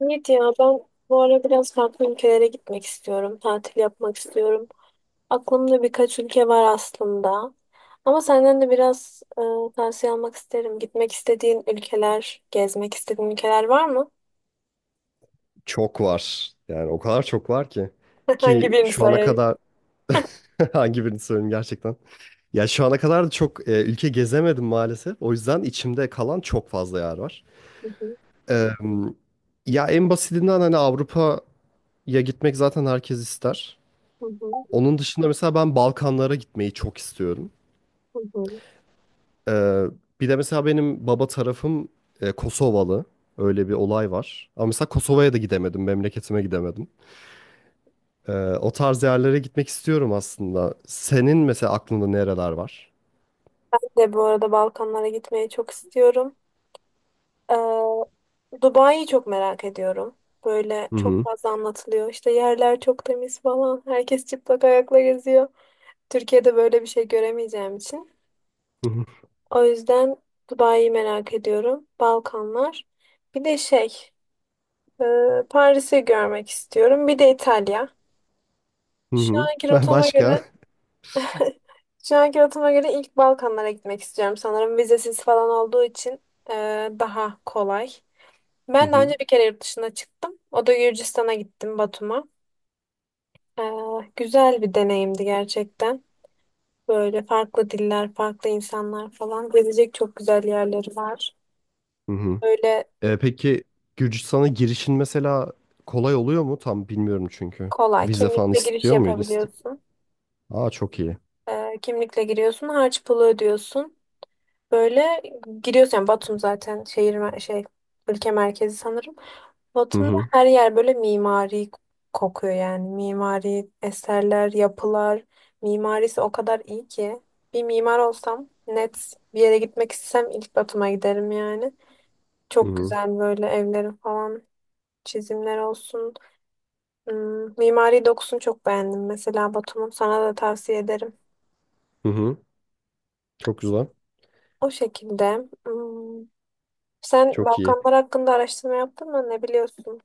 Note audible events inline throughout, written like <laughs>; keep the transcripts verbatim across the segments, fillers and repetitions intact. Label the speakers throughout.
Speaker 1: Evet ya ben bu ara biraz farklı ülkelere gitmek istiyorum. Tatil yapmak istiyorum. Aklımda birkaç ülke var aslında. Ama senden de biraz e, tavsiye almak isterim. Gitmek istediğin ülkeler, gezmek istediğin ülkeler var mı?
Speaker 2: Çok var. Yani o kadar çok var ki.
Speaker 1: <laughs> Hangi
Speaker 2: Ki
Speaker 1: birini
Speaker 2: şu ana
Speaker 1: sayayım?
Speaker 2: kadar <laughs> hangi birini söyleyeyim gerçekten. Ya şu ana kadar da çok e, ülke gezemedim maalesef. O yüzden içimde kalan çok fazla yer var.
Speaker 1: Hı hı,
Speaker 2: Ee, ya en basitinden hani Avrupa'ya gitmek zaten herkes ister.
Speaker 1: hı hı,
Speaker 2: Onun dışında mesela ben Balkanlara gitmeyi çok istiyorum.
Speaker 1: hı hı.
Speaker 2: Ee, bir de mesela benim baba tarafım e, Kosovalı. Öyle bir olay var. Ama mesela Kosova'ya da gidemedim, memleketime gidemedim. Ee, o tarz yerlere gitmek istiyorum aslında. Senin mesela aklında nereler var?
Speaker 1: Ben de bu arada Balkanlara gitmeyi çok istiyorum. Ee, Dubai'yi çok merak ediyorum. Böyle
Speaker 2: Hı
Speaker 1: çok
Speaker 2: hı.
Speaker 1: fazla anlatılıyor. İşte yerler çok temiz falan. Herkes çıplak ayakla geziyor. Türkiye'de böyle bir şey göremeyeceğim için.
Speaker 2: Hı hı.
Speaker 1: O yüzden Dubai'yi merak ediyorum. Balkanlar. Bir de şey, e, Paris'i görmek istiyorum. Bir de İtalya.
Speaker 2: Hı
Speaker 1: Şu
Speaker 2: hı.
Speaker 1: anki
Speaker 2: <laughs>
Speaker 1: rotama
Speaker 2: Başka?
Speaker 1: göre, <laughs> şu anki rotama göre ilk Balkanlara gitmek istiyorum sanırım. Vizesiz falan olduğu için e, daha kolay.
Speaker 2: Hı
Speaker 1: Ben daha
Speaker 2: hı.
Speaker 1: önce bir kere yurt dışına çıktım. O da Gürcistan'a gittim, Batum'a. E, güzel bir deneyimdi gerçekten. Böyle farklı diller, farklı insanlar falan. Gezecek çok güzel yerleri var.
Speaker 2: Hı hı.
Speaker 1: Böyle
Speaker 2: Ee, peki Gürcistan'a girişin mesela kolay oluyor mu? Tam bilmiyorum çünkü.
Speaker 1: kolay.
Speaker 2: Vize falan
Speaker 1: Kimlikle giriş
Speaker 2: istiyor muydu? İsti-
Speaker 1: yapabiliyorsun.
Speaker 2: Aa, çok iyi.
Speaker 1: Ee, kimlikle giriyorsun. Harç pulu ödüyorsun. Böyle giriyorsun. Yani Batum zaten şehir mer- şey ülke merkezi sanırım.
Speaker 2: Hı
Speaker 1: Batum'da
Speaker 2: hı.
Speaker 1: her yer böyle mimari kokuyor yani. Mimari eserler, yapılar. Mimarisi o kadar iyi ki. Bir mimar olsam net bir yere gitmek istesem ilk Batum'a giderim yani.
Speaker 2: Hı
Speaker 1: Çok
Speaker 2: hı.
Speaker 1: güzel böyle evlerin falan çizimler olsun. Hmm, mimari dokusunu çok beğendim. Mesela Batum'un sana da tavsiye ederim.
Speaker 2: Hı hı. Çok güzel.
Speaker 1: O şekilde. Hmm, sen
Speaker 2: Çok iyi.
Speaker 1: Balkanlar hakkında araştırma yaptın mı? Ne biliyorsun?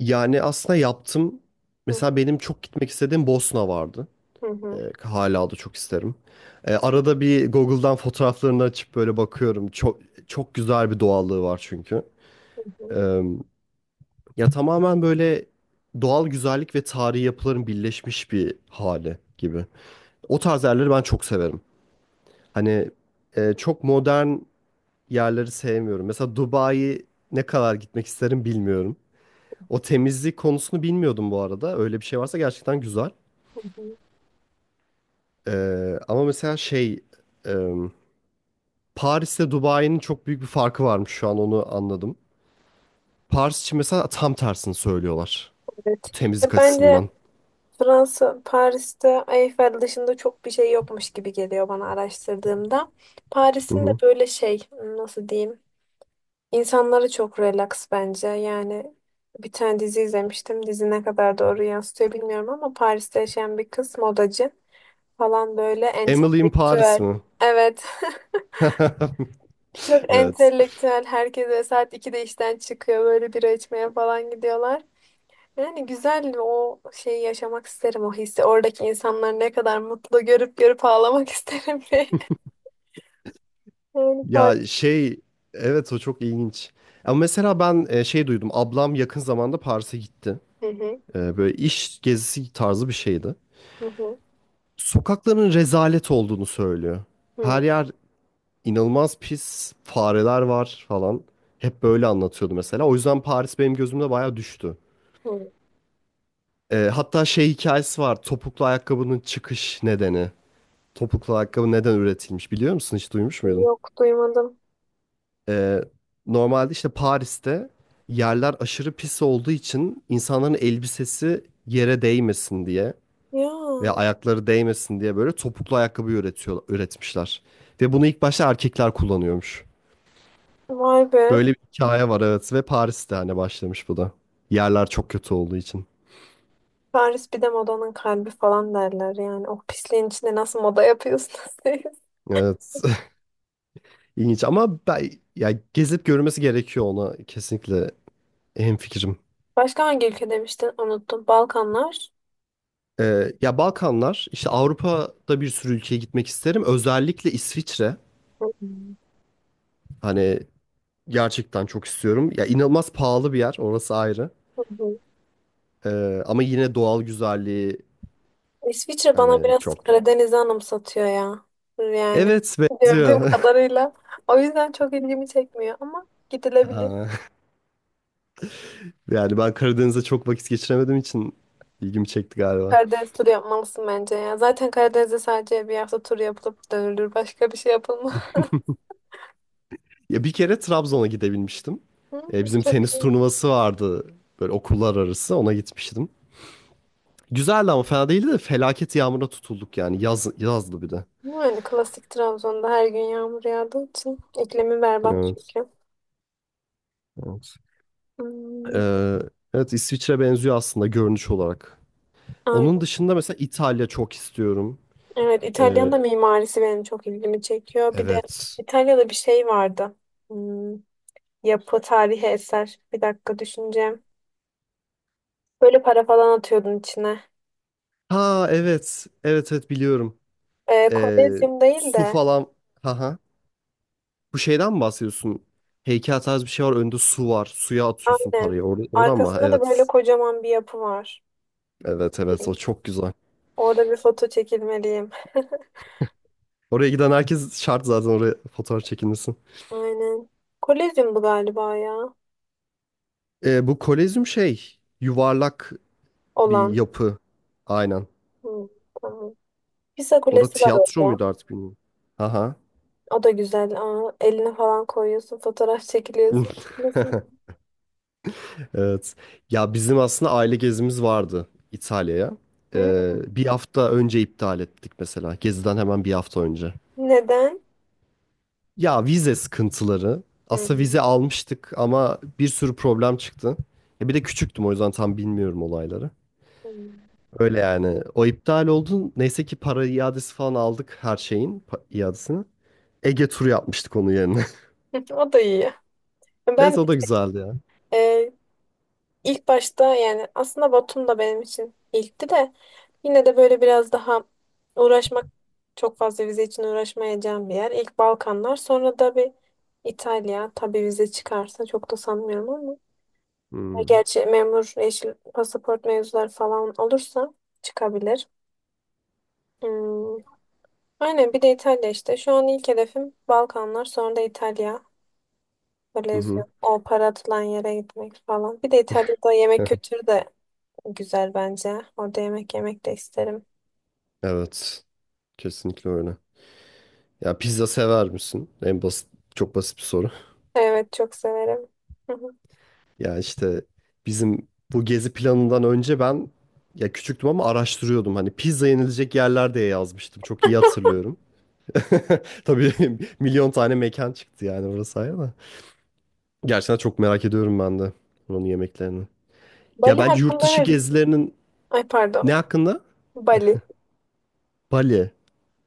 Speaker 2: Yani aslında yaptım.
Speaker 1: Hı
Speaker 2: Mesela benim çok gitmek istediğim Bosna vardı.
Speaker 1: hı,
Speaker 2: E,
Speaker 1: hı
Speaker 2: hala da çok isterim. E, arada bir Google'dan fotoğraflarını açıp böyle bakıyorum. Çok çok güzel bir doğallığı var çünkü.
Speaker 1: hı, hı.
Speaker 2: E, ya tamamen böyle doğal güzellik ve tarihi yapıların birleşmiş bir hali gibi. O tarz yerleri ben çok severim. Hani e, çok modern yerleri sevmiyorum. Mesela Dubai'yi ne kadar gitmek isterim bilmiyorum. O temizlik konusunu bilmiyordum bu arada. Öyle bir şey varsa gerçekten güzel.
Speaker 1: Hı hı.
Speaker 2: E, ama mesela şey... e, Paris'te Dubai'nin çok büyük bir farkı varmış şu an onu anladım. Paris için mesela tam tersini söylüyorlar. Bu
Speaker 1: Evet. Ya
Speaker 2: temizlik
Speaker 1: bence
Speaker 2: açısından.
Speaker 1: Fransa, Paris'te Eiffel dışında çok bir şey yokmuş gibi geliyor bana araştırdığımda.
Speaker 2: Hı
Speaker 1: Paris'in de
Speaker 2: hı.
Speaker 1: böyle şey, nasıl diyeyim? İnsanları çok relax bence. Yani bir tane dizi izlemiştim. Dizi ne kadar doğru yansıtıyor bilmiyorum ama Paris'te yaşayan bir kız modacı falan böyle
Speaker 2: Emily in Paris
Speaker 1: entelektüel.
Speaker 2: mi?
Speaker 1: Evet. <laughs>
Speaker 2: <laughs>
Speaker 1: Çok
Speaker 2: Evet.
Speaker 1: entelektüel. Herkes böyle saat ikide işten çıkıyor. Böyle bira içmeye falan gidiyorlar. Yani güzel o şeyi yaşamak isterim, o hissi. Oradaki insanlar ne kadar mutlu görüp görüp ağlamak <laughs> isterim diye. Yani par-
Speaker 2: Ya şey, evet o çok ilginç. Ama mesela ben e, şey duydum. Ablam yakın zamanda Paris'e gitti.
Speaker 1: Hı hı,
Speaker 2: E, böyle iş gezisi tarzı bir şeydi.
Speaker 1: hı hı,
Speaker 2: Sokakların rezalet olduğunu söylüyor. Her
Speaker 1: hı,
Speaker 2: yer inanılmaz pis, fareler var falan. Hep böyle anlatıyordu mesela. O yüzden Paris benim gözümde bayağı düştü.
Speaker 1: hı.
Speaker 2: Ee, hatta şey hikayesi var. Topuklu ayakkabının çıkış nedeni. Topuklu ayakkabı neden üretilmiş biliyor musun? Hiç duymuş muydun?
Speaker 1: Yok, duymadım.
Speaker 2: Ee, normalde işte Paris'te yerler aşırı pis olduğu için insanların elbisesi yere değmesin diye veya
Speaker 1: Ya
Speaker 2: ayakları değmesin diye böyle topuklu ayakkabı üretiyor, üretmişler. Ve bunu ilk başta erkekler kullanıyormuş.
Speaker 1: vay be.
Speaker 2: Böyle bir hikaye var, evet ve Paris'te hani başlamış bu da. Yerler çok kötü olduğu için.
Speaker 1: Paris bir de modanın kalbi falan derler yani. O pisliğin içinde nasıl moda yapıyorsunuz siz? <laughs>
Speaker 2: Evet. İlginç ama ben ya gezip görmesi gerekiyor, ona kesinlikle hemfikirim.
Speaker 1: Başka hangi ülke demiştin? Unuttum. Balkanlar.
Speaker 2: Ee, ya Balkanlar işte Avrupa'da bir sürü ülkeye gitmek isterim. Özellikle İsviçre
Speaker 1: Hı hı,
Speaker 2: hani gerçekten çok istiyorum. Ya inanılmaz pahalı bir yer orası ayrı. Ee, ama yine doğal güzelliği
Speaker 1: İsviçre bana
Speaker 2: hani
Speaker 1: biraz
Speaker 2: çok.
Speaker 1: Karadeniz'i anımsatıyor ya. Yani
Speaker 2: Evet,
Speaker 1: gördüğüm
Speaker 2: benziyor.
Speaker 1: kadarıyla. O yüzden çok ilgimi çekmiyor ama
Speaker 2: <laughs>
Speaker 1: gidilebilir.
Speaker 2: Aa, yani ben Karadeniz'de çok vakit geçiremediğim için ilgimi çekti galiba.
Speaker 1: Karadeniz turu yapmalısın bence ya. Zaten Karadeniz'de sadece bir hafta tur yapılıp dönülür. Başka bir şey yapılmaz.
Speaker 2: Ya bir kere Trabzon'a gidebilmiştim.
Speaker 1: <laughs> Hı,
Speaker 2: E, bizim
Speaker 1: çok
Speaker 2: tenis
Speaker 1: iyi.
Speaker 2: turnuvası vardı böyle okullar arası, ona gitmiştim. Güzeldi ama fena değildi de felaket yağmura tutulduk yani yaz, yazdı bir de.
Speaker 1: Yani klasik Trabzon'da her gün yağmur yağdığı için iklimi berbat
Speaker 2: Evet.
Speaker 1: çünkü.
Speaker 2: Evet.
Speaker 1: Hmm,
Speaker 2: Ee, evet İsviçre benziyor aslında görünüş olarak. Onun
Speaker 1: aynen.
Speaker 2: dışında mesela İtalya çok istiyorum.
Speaker 1: Evet, İtalya'nın
Speaker 2: Ee,
Speaker 1: da mimarisi benim çok ilgimi çekiyor. Bir de
Speaker 2: evet.
Speaker 1: İtalya'da bir şey vardı. Hmm, yapı, tarihi eser. Bir dakika düşüneceğim. Böyle para falan atıyordun içine.
Speaker 2: Ha evet. Evet evet biliyorum.
Speaker 1: Ee,
Speaker 2: Ee,
Speaker 1: Kolezyum değil
Speaker 2: su
Speaker 1: de
Speaker 2: falan. Haha. Bu şeyden mi bahsediyorsun? Heykel tarzı bir şey var. Önünde su var. Suya atıyorsun
Speaker 1: aynen.
Speaker 2: parayı. Or- oradan mı?
Speaker 1: Arkasında da böyle
Speaker 2: Evet.
Speaker 1: kocaman bir yapı var.
Speaker 2: Evet evet o çok güzel.
Speaker 1: Orada bir foto çekilmeliyim. <laughs>
Speaker 2: Oraya giden herkes şart zaten oraya fotoğraf çekinmesin.
Speaker 1: Aynen. Kolezyum bu galiba ya.
Speaker 2: Ee, bu Kolezyum şey yuvarlak bir
Speaker 1: Olan.
Speaker 2: yapı. Aynen.
Speaker 1: Hı, tamam. Pisa
Speaker 2: Orada
Speaker 1: Kulesi var
Speaker 2: tiyatro
Speaker 1: orada.
Speaker 2: muydu artık bilmiyorum. Aha.
Speaker 1: O da güzel. Aa, eline falan koyuyorsun. Fotoğraf çekiliyorsun. Nasıl?
Speaker 2: <laughs> Evet. Ya bizim aslında aile gezimiz vardı İtalya'ya. Ee,
Speaker 1: Hı,
Speaker 2: bir hafta önce iptal ettik mesela. Geziden hemen bir hafta önce.
Speaker 1: neden?
Speaker 2: Ya vize sıkıntıları.
Speaker 1: Hı,
Speaker 2: Aslında vize almıştık ama bir sürü problem çıktı. Ya bir de küçüktüm o yüzden tam bilmiyorum olayları.
Speaker 1: hı.
Speaker 2: Öyle yani. O iptal oldu. Neyse ki para iadesi falan aldık her şeyin pa- iadesini. Ege turu yapmıştık onun yerine. <laughs>
Speaker 1: <laughs> O da iyi.
Speaker 2: Evet
Speaker 1: Ben de,
Speaker 2: o da güzeldi ya.
Speaker 1: e, İlk başta yani aslında Batum da benim için ilkti de yine de böyle biraz daha uğraşmak, çok fazla vize için uğraşmayacağım bir yer. İlk Balkanlar sonra da bir İtalya tabii vize çıkarsa, çok da sanmıyorum ama
Speaker 2: Hmm.
Speaker 1: gerçi memur yeşil pasaport mevzuları falan olursa çıkabilir. Hmm. Aynen bir de İtalya işte. Şu an ilk hedefim Balkanlar sonra da İtalya.
Speaker 2: Hı
Speaker 1: Böyle
Speaker 2: hı.
Speaker 1: o para atılan yere gitmek falan. Bir de İtalya'da yemek
Speaker 2: <laughs>
Speaker 1: kültürü de güzel bence. Orada yemek yemek de isterim.
Speaker 2: Evet. Kesinlikle öyle. Ya pizza sever misin? En basit, çok basit bir soru. <laughs>
Speaker 1: Evet, çok severim. Hı hı.
Speaker 2: Ya işte bizim bu gezi planından önce ben ya küçüktüm ama araştırıyordum. Hani pizza yenilecek yerler diye yazmıştım. Çok iyi
Speaker 1: <laughs>
Speaker 2: hatırlıyorum. <laughs> Tabii <laughs> milyon tane mekan çıktı yani orası ayrı da. Gerçekten çok merak ediyorum ben de onun yemeklerini. Ya
Speaker 1: Bali
Speaker 2: bence yurt
Speaker 1: hakkında
Speaker 2: dışı
Speaker 1: ne?
Speaker 2: gezilerinin
Speaker 1: Ay pardon.
Speaker 2: ne hakkında?
Speaker 1: <laughs> Bali.
Speaker 2: Bali.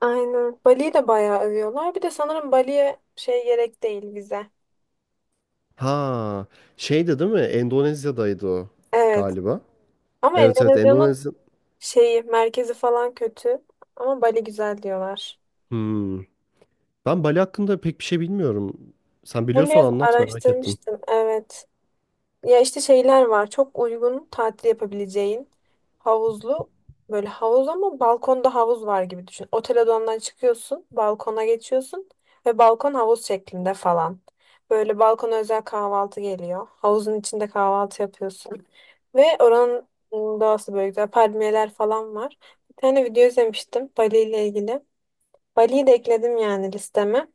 Speaker 1: Aynen. Bali'yi de bayağı övüyorlar. Bir de sanırım Bali'ye şey gerek değil, vize.
Speaker 2: Ha, şeydi değil mi? Endonezya'daydı o
Speaker 1: Evet.
Speaker 2: galiba.
Speaker 1: Ama
Speaker 2: Evet evet
Speaker 1: Endonezya'nın
Speaker 2: Endonezya.
Speaker 1: şeyi, merkezi falan kötü. Ama Bali güzel diyorlar.
Speaker 2: Hmm. Ben Bali hakkında pek bir şey bilmiyorum. Sen
Speaker 1: Ben
Speaker 2: biliyorsan
Speaker 1: biraz
Speaker 2: anlat, merak ettim.
Speaker 1: araştırmıştım. Evet. Ya işte şeyler var. Çok uygun tatil yapabileceğin havuzlu, böyle havuz ama balkonda havuz var gibi düşün. Otel odandan çıkıyorsun, balkona geçiyorsun ve balkon havuz şeklinde falan. Böyle balkona özel kahvaltı geliyor. Havuzun içinde kahvaltı yapıyorsun. Ve oranın ım, doğası böyle güzel. Palmiyeler falan var. Bir tane video izlemiştim Bali ile ilgili. Bali'yi de ekledim yani listeme.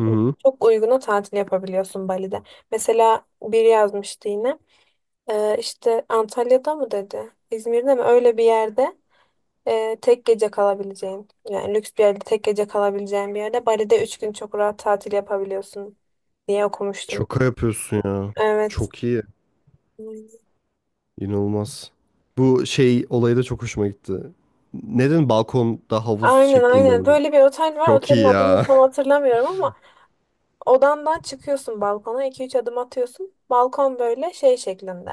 Speaker 2: Hı hı.
Speaker 1: Çok uyguna tatil yapabiliyorsun Bali'de. Mesela biri yazmıştı yine. Ee, işte Antalya'da mı dedi? İzmir'de mi? Öyle bir yerde e, tek gece kalabileceğin. Yani lüks bir yerde tek gece kalabileceğin bir yerde, Bali'de üç gün çok rahat tatil yapabiliyorsun diye okumuştum.
Speaker 2: Şaka yapıyorsun ya.
Speaker 1: Evet.
Speaker 2: Çok iyi. İnanılmaz. Bu şey olayı da çok hoşuma gitti. Neden balkonda havuz
Speaker 1: Aynen
Speaker 2: şeklinde
Speaker 1: aynen.
Speaker 2: mi?
Speaker 1: Böyle bir otel var.
Speaker 2: Çok
Speaker 1: Otelin
Speaker 2: iyi
Speaker 1: adını
Speaker 2: ya.
Speaker 1: tam hatırlamıyorum ama odandan çıkıyorsun balkona. İki üç adım atıyorsun. Balkon böyle şey şeklinde.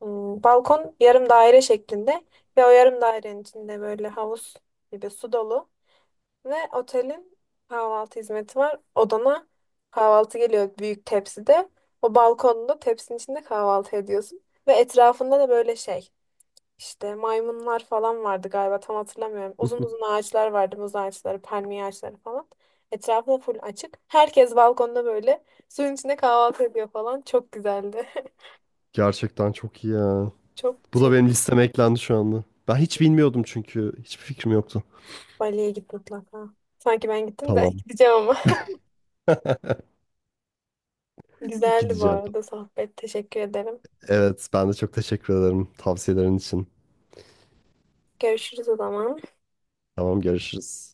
Speaker 1: Hmm, balkon yarım daire şeklinde ve o yarım dairenin içinde böyle havuz gibi su dolu. Ve otelin kahvaltı hizmeti var. Odana kahvaltı geliyor büyük tepside. O balkonda tepsinin içinde kahvaltı ediyorsun. Ve etrafında da böyle şey, işte maymunlar falan vardı galiba, tam hatırlamıyorum. Uzun uzun
Speaker 2: <laughs>
Speaker 1: ağaçlar vardı, muz ağaçları, palmiye ağaçları falan. Etrafı da full açık. Herkes balkonda böyle suyun içinde kahvaltı ediyor falan. Çok güzeldi. <laughs>
Speaker 2: Gerçekten çok iyi ya.
Speaker 1: Çok
Speaker 2: Bu da
Speaker 1: şey,
Speaker 2: benim listeme eklendi şu anda. Ben hiç bilmiyordum çünkü. Hiçbir fikrim yoktu.
Speaker 1: Bali'ye git mutlaka. Sanki ben gittim de
Speaker 2: Tamam.
Speaker 1: <laughs> gideceğim ama.
Speaker 2: <laughs>
Speaker 1: <laughs> Güzeldi bu
Speaker 2: Gideceğim.
Speaker 1: arada sohbet. Teşekkür ederim.
Speaker 2: Evet, ben de çok teşekkür ederim tavsiyelerin için.
Speaker 1: Görüşürüz o zaman.
Speaker 2: Tamam, görüşürüz.